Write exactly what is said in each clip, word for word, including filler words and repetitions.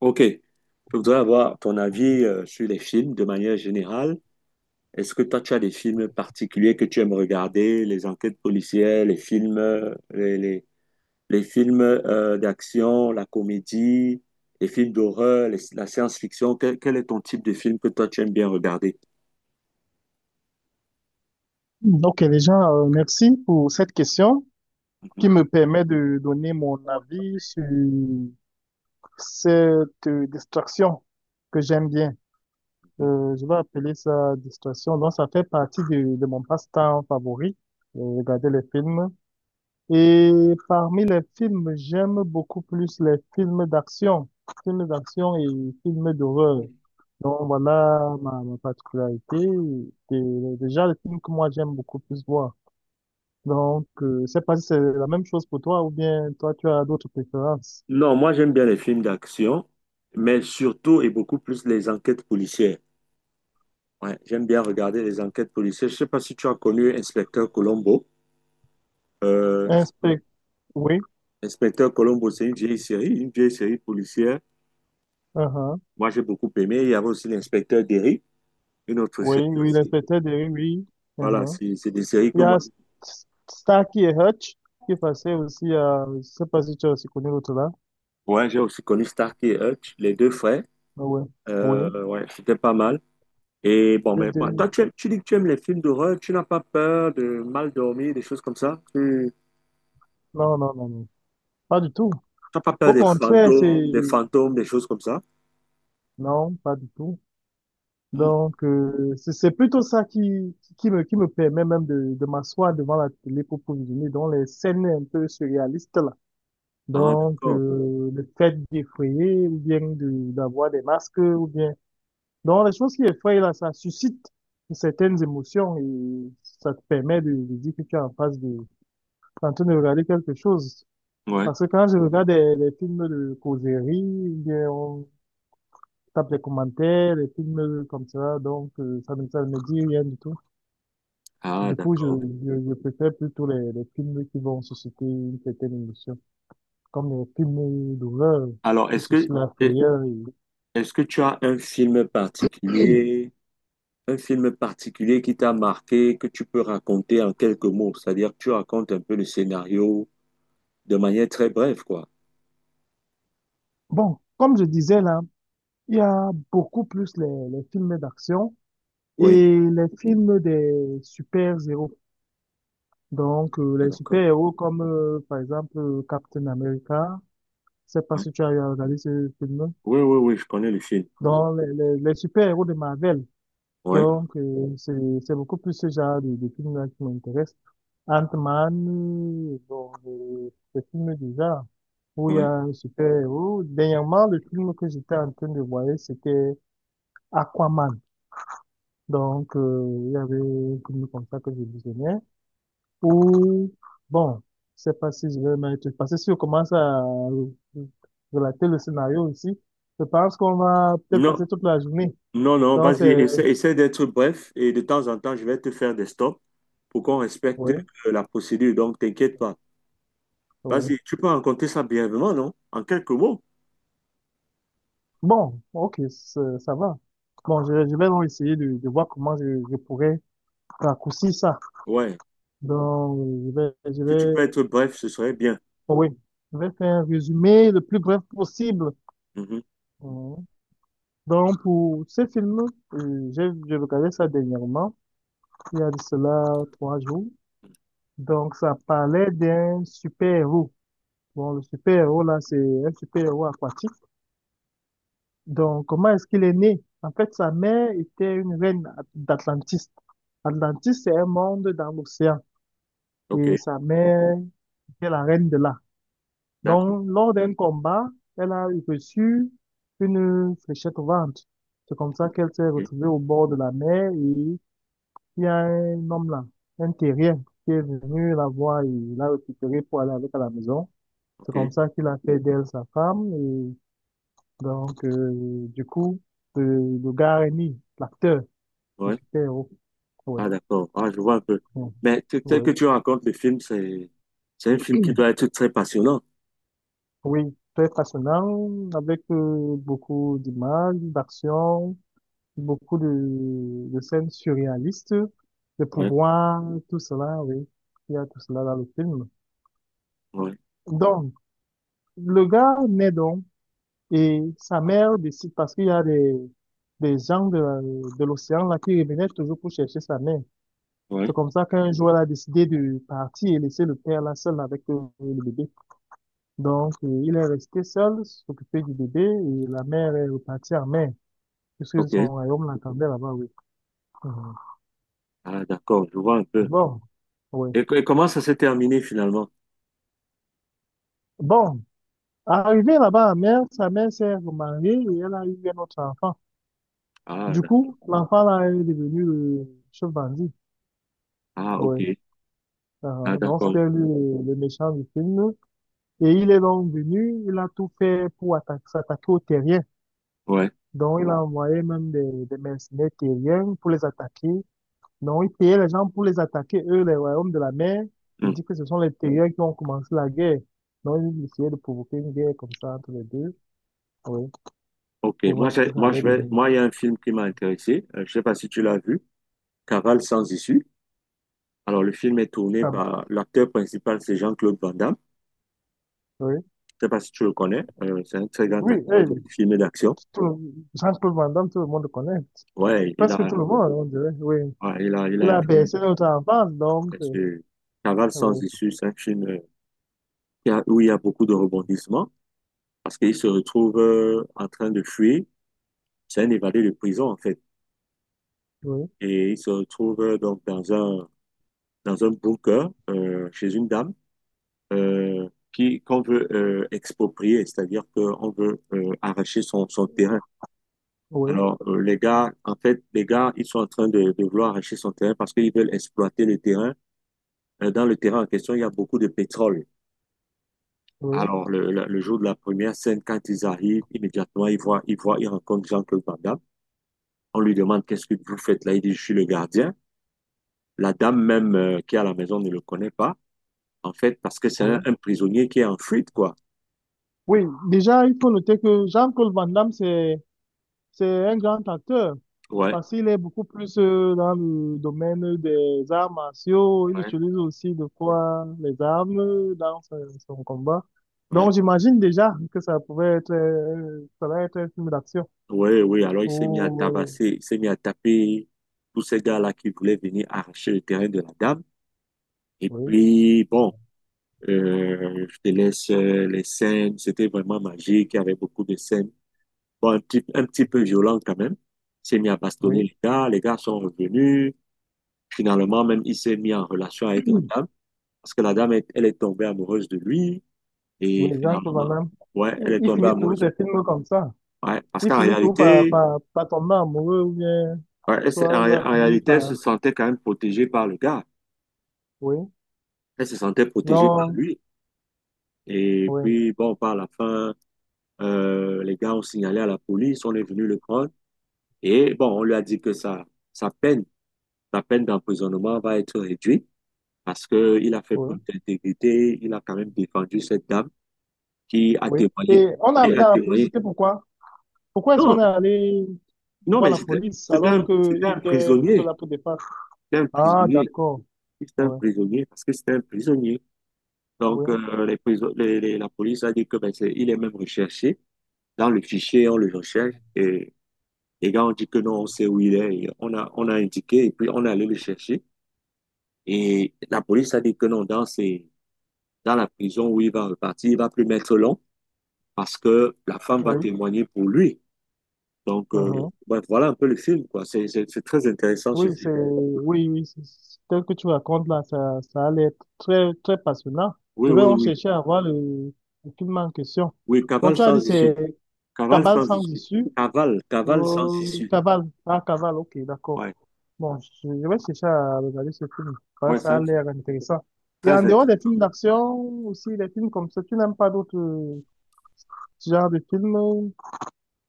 Ok, je voudrais avoir ton avis euh, sur les films de manière générale. Est-ce que toi, tu as des films particuliers que tu aimes regarder, les enquêtes policières, les films, euh, les, les- les films euh, d'action, la comédie, les films d'horreur, les- la science-fiction? Quel, quel est ton type de film que toi, tu aimes bien regarder? Ok, déjà, euh, merci pour cette question qui Mhm. me permet de donner mon avis sur cette euh, distraction que j'aime bien. Euh, je vais appeler ça distraction. Donc, ça fait partie de, de mon passe-temps favori, euh, regarder les films. Et parmi les films, j'aime beaucoup plus les films d'action, films d'action et films d'horreur. Donc, voilà ma, ma particularité. C'est déjà le film que moi, j'aime beaucoup plus voir. Donc, euh, je sais pas si c'est la même chose pour toi ou bien toi, tu as d'autres préférences. Non, moi, j'aime bien les films d'action, mais surtout et beaucoup plus les enquêtes policières. Ouais, j'aime bien regarder les enquêtes policières. Je sais pas si tu as connu Inspecteur Colombo. Inspect, oui, L'inspecteur Colombo, c'est une vieille série, une vieille série policière. uh-huh, Moi, j'ai beaucoup aimé. Il y avait aussi l'inspecteur Derry, une autre oui, série oui, aussi. l'inspecteur Derry, oui. Voilà, Uh-huh. c'est c'est des séries Il que y a moi. S- S- Starkey et Hutch qui passaient aussi à, je sais pas si tu as aussi connu l'autre là. Ouais, j'ai aussi connu Stark et Hutch, les deux frères. Ah ouais, oui. Euh, ouais, c'était pas mal. Et bon, Je mais moi- dirais- toi, tu, aimes- tu dis que tu aimes les films d'horreur, tu n'as pas peur de mal dormir, des choses comme ça? Tu Non, non, non, non, pas du tout. n'as pas peur Au des contraire, c'est, fantômes, des fantômes, des choses comme ça? non, pas du tout. Hmm. Donc, euh, c'est c'est plutôt ça qui, qui me, qui me permet même de, de m'asseoir devant la télé pour visionner dans les scènes un peu surréalistes là. Ah, Donc, d'accord. euh, le fait d'effrayer ou bien de, d'avoir des masques ou bien. Donc, les choses qui effraient, là, ça suscite certaines émotions et ça te permet de, de dire que tu es en face de, en train de regarder quelque chose. Ouais. Parce que quand je regarde des, des films de causerie, ou bien on tape les commentaires, les films comme ça, donc euh, ça ne ça ne me dit rien du tout. Ah, Du coup, je, d'accord. je, je préfère plutôt les, les films qui vont susciter une certaine émotion, comme les films d'horreur Alors, qui est-ce suscitent que, la est- frayeur. est-ce que tu as un film particulier? Un film particulier qui t'a marqué, que tu peux raconter en quelques mots, c'est-à-dire que tu racontes un peu le scénario de manière très brève, quoi. Bon, comme je disais là, il y a beaucoup plus les, les films d'action et Oui, les films des super-héros. Donc, euh, ah, les d'accord. super-héros comme, euh, par exemple, euh, Captain America. Je sais pas Ouais. si tu as eu à regarder ce film. Oui. Oui, oui, oui, je connais le film. Donc, les, les, les super-héros de Marvel. Oui, Donc, euh, c'est, c'est beaucoup plus ce genre de, de films-là qui m'intéresse. Ant-Man, euh, bon, des, des films du genre où il y a oui. un super-héros. Dernièrement, le film que j'étais en train de voir, c'était Aquaman. Donc, euh, il y avait un film comme ça que je visionnais. Ou, bon, je sais pas si je vais mettre, parce que si on commence à relater le scénario ici, je pense qu'on va peut-être Non, passer toute la journée. non, non, Donc, vas-y, c'est, essaie, essaie d'être bref et de temps en temps, je vais te faire des stops pour qu'on respecte oui, euh, la procédure, donc t'inquiète pas. oui. Vas-y, tu peux raconter ça brièvement, non? En quelques mots. Bon, ok, ça ça va. Bon, je, je vais donc essayer de, de voir comment je, je pourrais raccourcir ça. Ouais. Donc, je vais, je Si tu peux vais, être bref, ce serait bien. oui, je vais faire un résumé le plus bref possible. Mhm. Donc, pour ce film, euh, j'ai j'ai regardé ça dernièrement, il y a de cela trois jours. Donc, ça parlait d'un super-héros. Bon, le super-héros, là, c'est un super-héros aquatique. Donc, comment est-ce qu'il est né? En fait, sa mère était une reine d'Atlantis. Atlantis, c'est un monde dans l'océan. Et OK, sa mère était la reine de là. d'accord. Donc, lors d'un combat, elle a reçu une fléchette au ventre. C'est comme ça qu'elle s'est OK, retrouvée au bord de la mer et il y a un homme là, un terrien, qui est venu la voir et l'a récupérée pour aller avec à la maison. C'est comme OK. ça qu'il a fait d'elle sa femme. Et donc, euh, du coup, le, le gars Rémi, l'acteur, le Ouais. super-héros. Oui, Ah, d'accord. Ah, je vois un peu. Mais t- tel que oui, tu racontes le film, c'est, c'est un film qui doit être très passionnant. oui, très passionnant, avec euh, beaucoup d'images, d'action, beaucoup de, de scènes surréalistes, de Ouais, pouvoirs, tout cela, oui. Il y a tout cela dans le film. ouais, Donc, le gars naît donc. Et sa mère décide, parce qu'il y a des, des gens de, de l'océan là qui revenaient toujours pour chercher sa mère. C'est ouais. comme ça qu'un jour, elle a décidé de partir et laisser le père là seul avec euh, le bébé. Donc, euh, il est resté seul, s'occuper du bébé et la mère est repartie en mer, puisque son OK. royaume l'attendait là-bas, oui. Mhm. Ah, d'accord. Je vois un peu. Bon, oui. Et, co- et comment ça s'est terminé finalement? Bon, arrivée là-bas en mer, sa mère s'est remariée et elle a eu un autre enfant. Ah, Du d'ac- coup, l'enfant là est devenu le chef bandit. ah, OK. Oui. Ah, Ah, donc, d'accord. c'était lui, le le méchant du film. Et il est donc venu, il a tout fait pour atta- s'attaquer aux terriens. Ouais. Donc, il a envoyé même des, des mercenaires terriens pour les attaquer. Donc, il payait les gens pour les attaquer, eux, les royaumes de la mer. Il Hmm. dit que ce sont les terriens qui ont commencé la guerre. Donc, il essayait de provoquer une guerre comme ça entre les deux. Oui, OK. pour Moi, voir ce j'ai- que ça moi, je allait vais, devenir. moi, il y a un film qui m'a intéressé. Euh, je sais pas si tu l'as vu. Cavale sans issue. Alors, le film est tourné Ah, par l'acteur principal, c'est Jean-Claude Van Damme. oui, Je sais pas si tu le connais. Euh, c'est un très grand oui, acteur hey, de film et d'action. tout, le- Jean-Claude Van Damme, tout le monde le connaît. Ouais, il Presque a, tout le monde, on dirait. Oui, ouais, il a, il il a, a bercé notre enfance, donc, euh, sur Cavale oui. sans issue, c'est un film euh, qui a- où il y a beaucoup de rebondissements parce qu'il se retrouve euh, en train de fuir. C'est un évadé de prison en fait. Oui, Et il se retrouve euh, donc dans un, dans un bunker euh, chez une dame euh, qui, qu'on veut euh, exproprier, c'est-à-dire qu'on veut euh, arracher son, son terrain. oui, Alors euh, les gars, en fait, les gars, ils sont en train de, de vouloir arracher son terrain parce qu'ils veulent exploiter le terrain. Euh, dans le terrain en question, il y a beaucoup de pétrole. oui, Alors, le, le- le jour de la première scène, quand ils arrivent, immédiatement, ils voient, ils voient, ils rencontrent Jean-Claude Van Damme. On lui demande, qu'est-ce que vous faites là? Il dit, je suis le gardien. La dame même euh, qui est à la maison ne le connaît pas, en fait, parce que c'est un, oui. un prisonnier qui est en fuite, quoi. Oui, déjà, il faut noter que Jean-Claude Van Damme, c'est, c'est, un grand acteur Ouais, parce qu'il est beaucoup plus euh, dans le domaine des arts martiaux. Il ouais, utilise aussi de quoi les armes dans son, son combat. ouais. Donc, j'imagine déjà que ça pouvait être, euh, ça va être un film d'action. Ouais, oui, alors il s'est mis à Oh, euh, tabasser, il s'est mis à taper tous ces gars-là qui voulaient venir arracher le terrain de la dame. Et oui, puis, bon, euh, je te laisse euh, les scènes, c'était vraiment magique, il y avait beaucoup de scènes. Bon, un petit, un petit peu violent quand même. Il s'est mis à bastonner oui, les gars. Les gars sont revenus. Finalement, même, il s'est mis en relation avec la dame. Parce que la dame, est- elle est tombée amoureuse de lui. oui, Et Jean-Claude Van finalement, Damme. ouais, elle Il est il tombée finit tous amoureuse. ses films comme ça. Ouais, parce Il qu'en finit toujours par, réalité, par, par tomber amoureux ou bien ouais, elle s'est- soit en, il ré- va en finir réalité, elle par. se sentait quand même protégée par le gars. Oui, Elle se sentait protégée par non, lui. Et oui, puis, bon, par la fin, euh, les gars ont signalé à la police. On est venu le prendre. Et bon, on lui a dit que sa, sa peine, sa peine d'emprisonnement va être réduite, parce qu'il a fait preuve oui, d'intégrité, il a quand même défendu cette dame qui a oui. témoigné, Et on a qui amené a à la police, témoigné. c'était pourquoi? Pourquoi est-ce qu'on Non, est allé non, voir mais la c'était police c'était alors un, c'était qu'il un était plutôt prisonnier, là pour défendre? c'était un Ah, prisonnier, d'accord, c'était un oui, prisonnier, parce que c'était un prisonnier. Donc, oui, euh, les prison- les- les- la police a dit que ben, c'est- il est même recherché. Dans le fichier, on le recherche et les gars ont dit que non, on sait où il est. Et on a, on a indiqué et puis on est allé le chercher. Et la police a dit que non, dans, ses- dans la prison où il va repartir, il va plus mettre long, parce que la femme va oui. témoigner pour lui. Donc, euh, Mhm. ouais, voilà un peu le film, quoi. C'est c'est- c'est très intéressant ce Oui, film. c'est, oui, oui, c'est- c'est- tel que tu racontes là, ça, ça allait être très, très passionnant. Oui, Je vais oui, en oui. chercher à voir le, le film en question. Oui, Bon, Cavale tu as sans dit issue. c'est Cavale Cabal sans sans issue. issue. Cavale, Cavale sans Euh, issue. Cabal, ah, Cabal, ok, d'accord. Ouais, Bon, je, je vais chercher à regarder ce film. Ouais, ouais, c'est ça a un film l'air intéressant. Et en très dehors intéressant. des films d'action, aussi des films comme ça, tu n'aimes pas d'autres euh, genres de films? euh,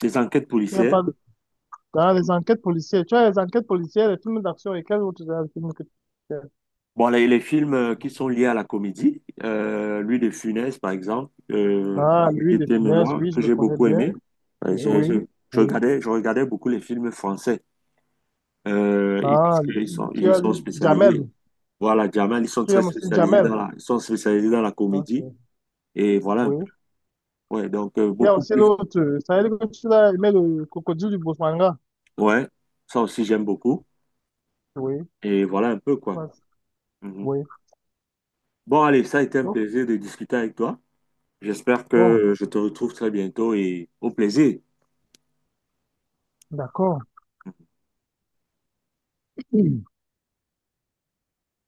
Des enquêtes Il n'y a policières. pas de- dans les enquêtes policières. Tu as les enquêtes policières, les films d'action et quels autres genres de films que tu aimes. Bon, les, les films euh, qui sont liés à la comédie, euh, lui de Funès, par exemple, euh, Ah, lui des était finesse, Mémoire, oui, je que le j'ai connais beaucoup bien. aimé. Euh, j'ai- Oui, j'ai- je oui. regardais, je regardais beaucoup les films français. Euh, et Ah, parce qu'ils sont, ils tu y as sont lui, spécialisés. Jamel. Voilà, Jamel, ils sont Tu très aimes aussi spécialisés Jamel. dans la, ils sont spécialisés dans la Ok, comédie. Et voilà un peu. oui. Ouais, donc euh, Il y a beaucoup aussi plus. l'autre. Ça veut dire que tu as aimé le crocodile du Bosmanga. Ouais, ça aussi j'aime beaucoup. Oui. Et voilà un peu quoi. Mhm. Oui. Bon, allez, ça a été un Oh, plaisir de discuter avec toi. J'espère que bon, euh, je te retrouve très bientôt et au plaisir. d'accord.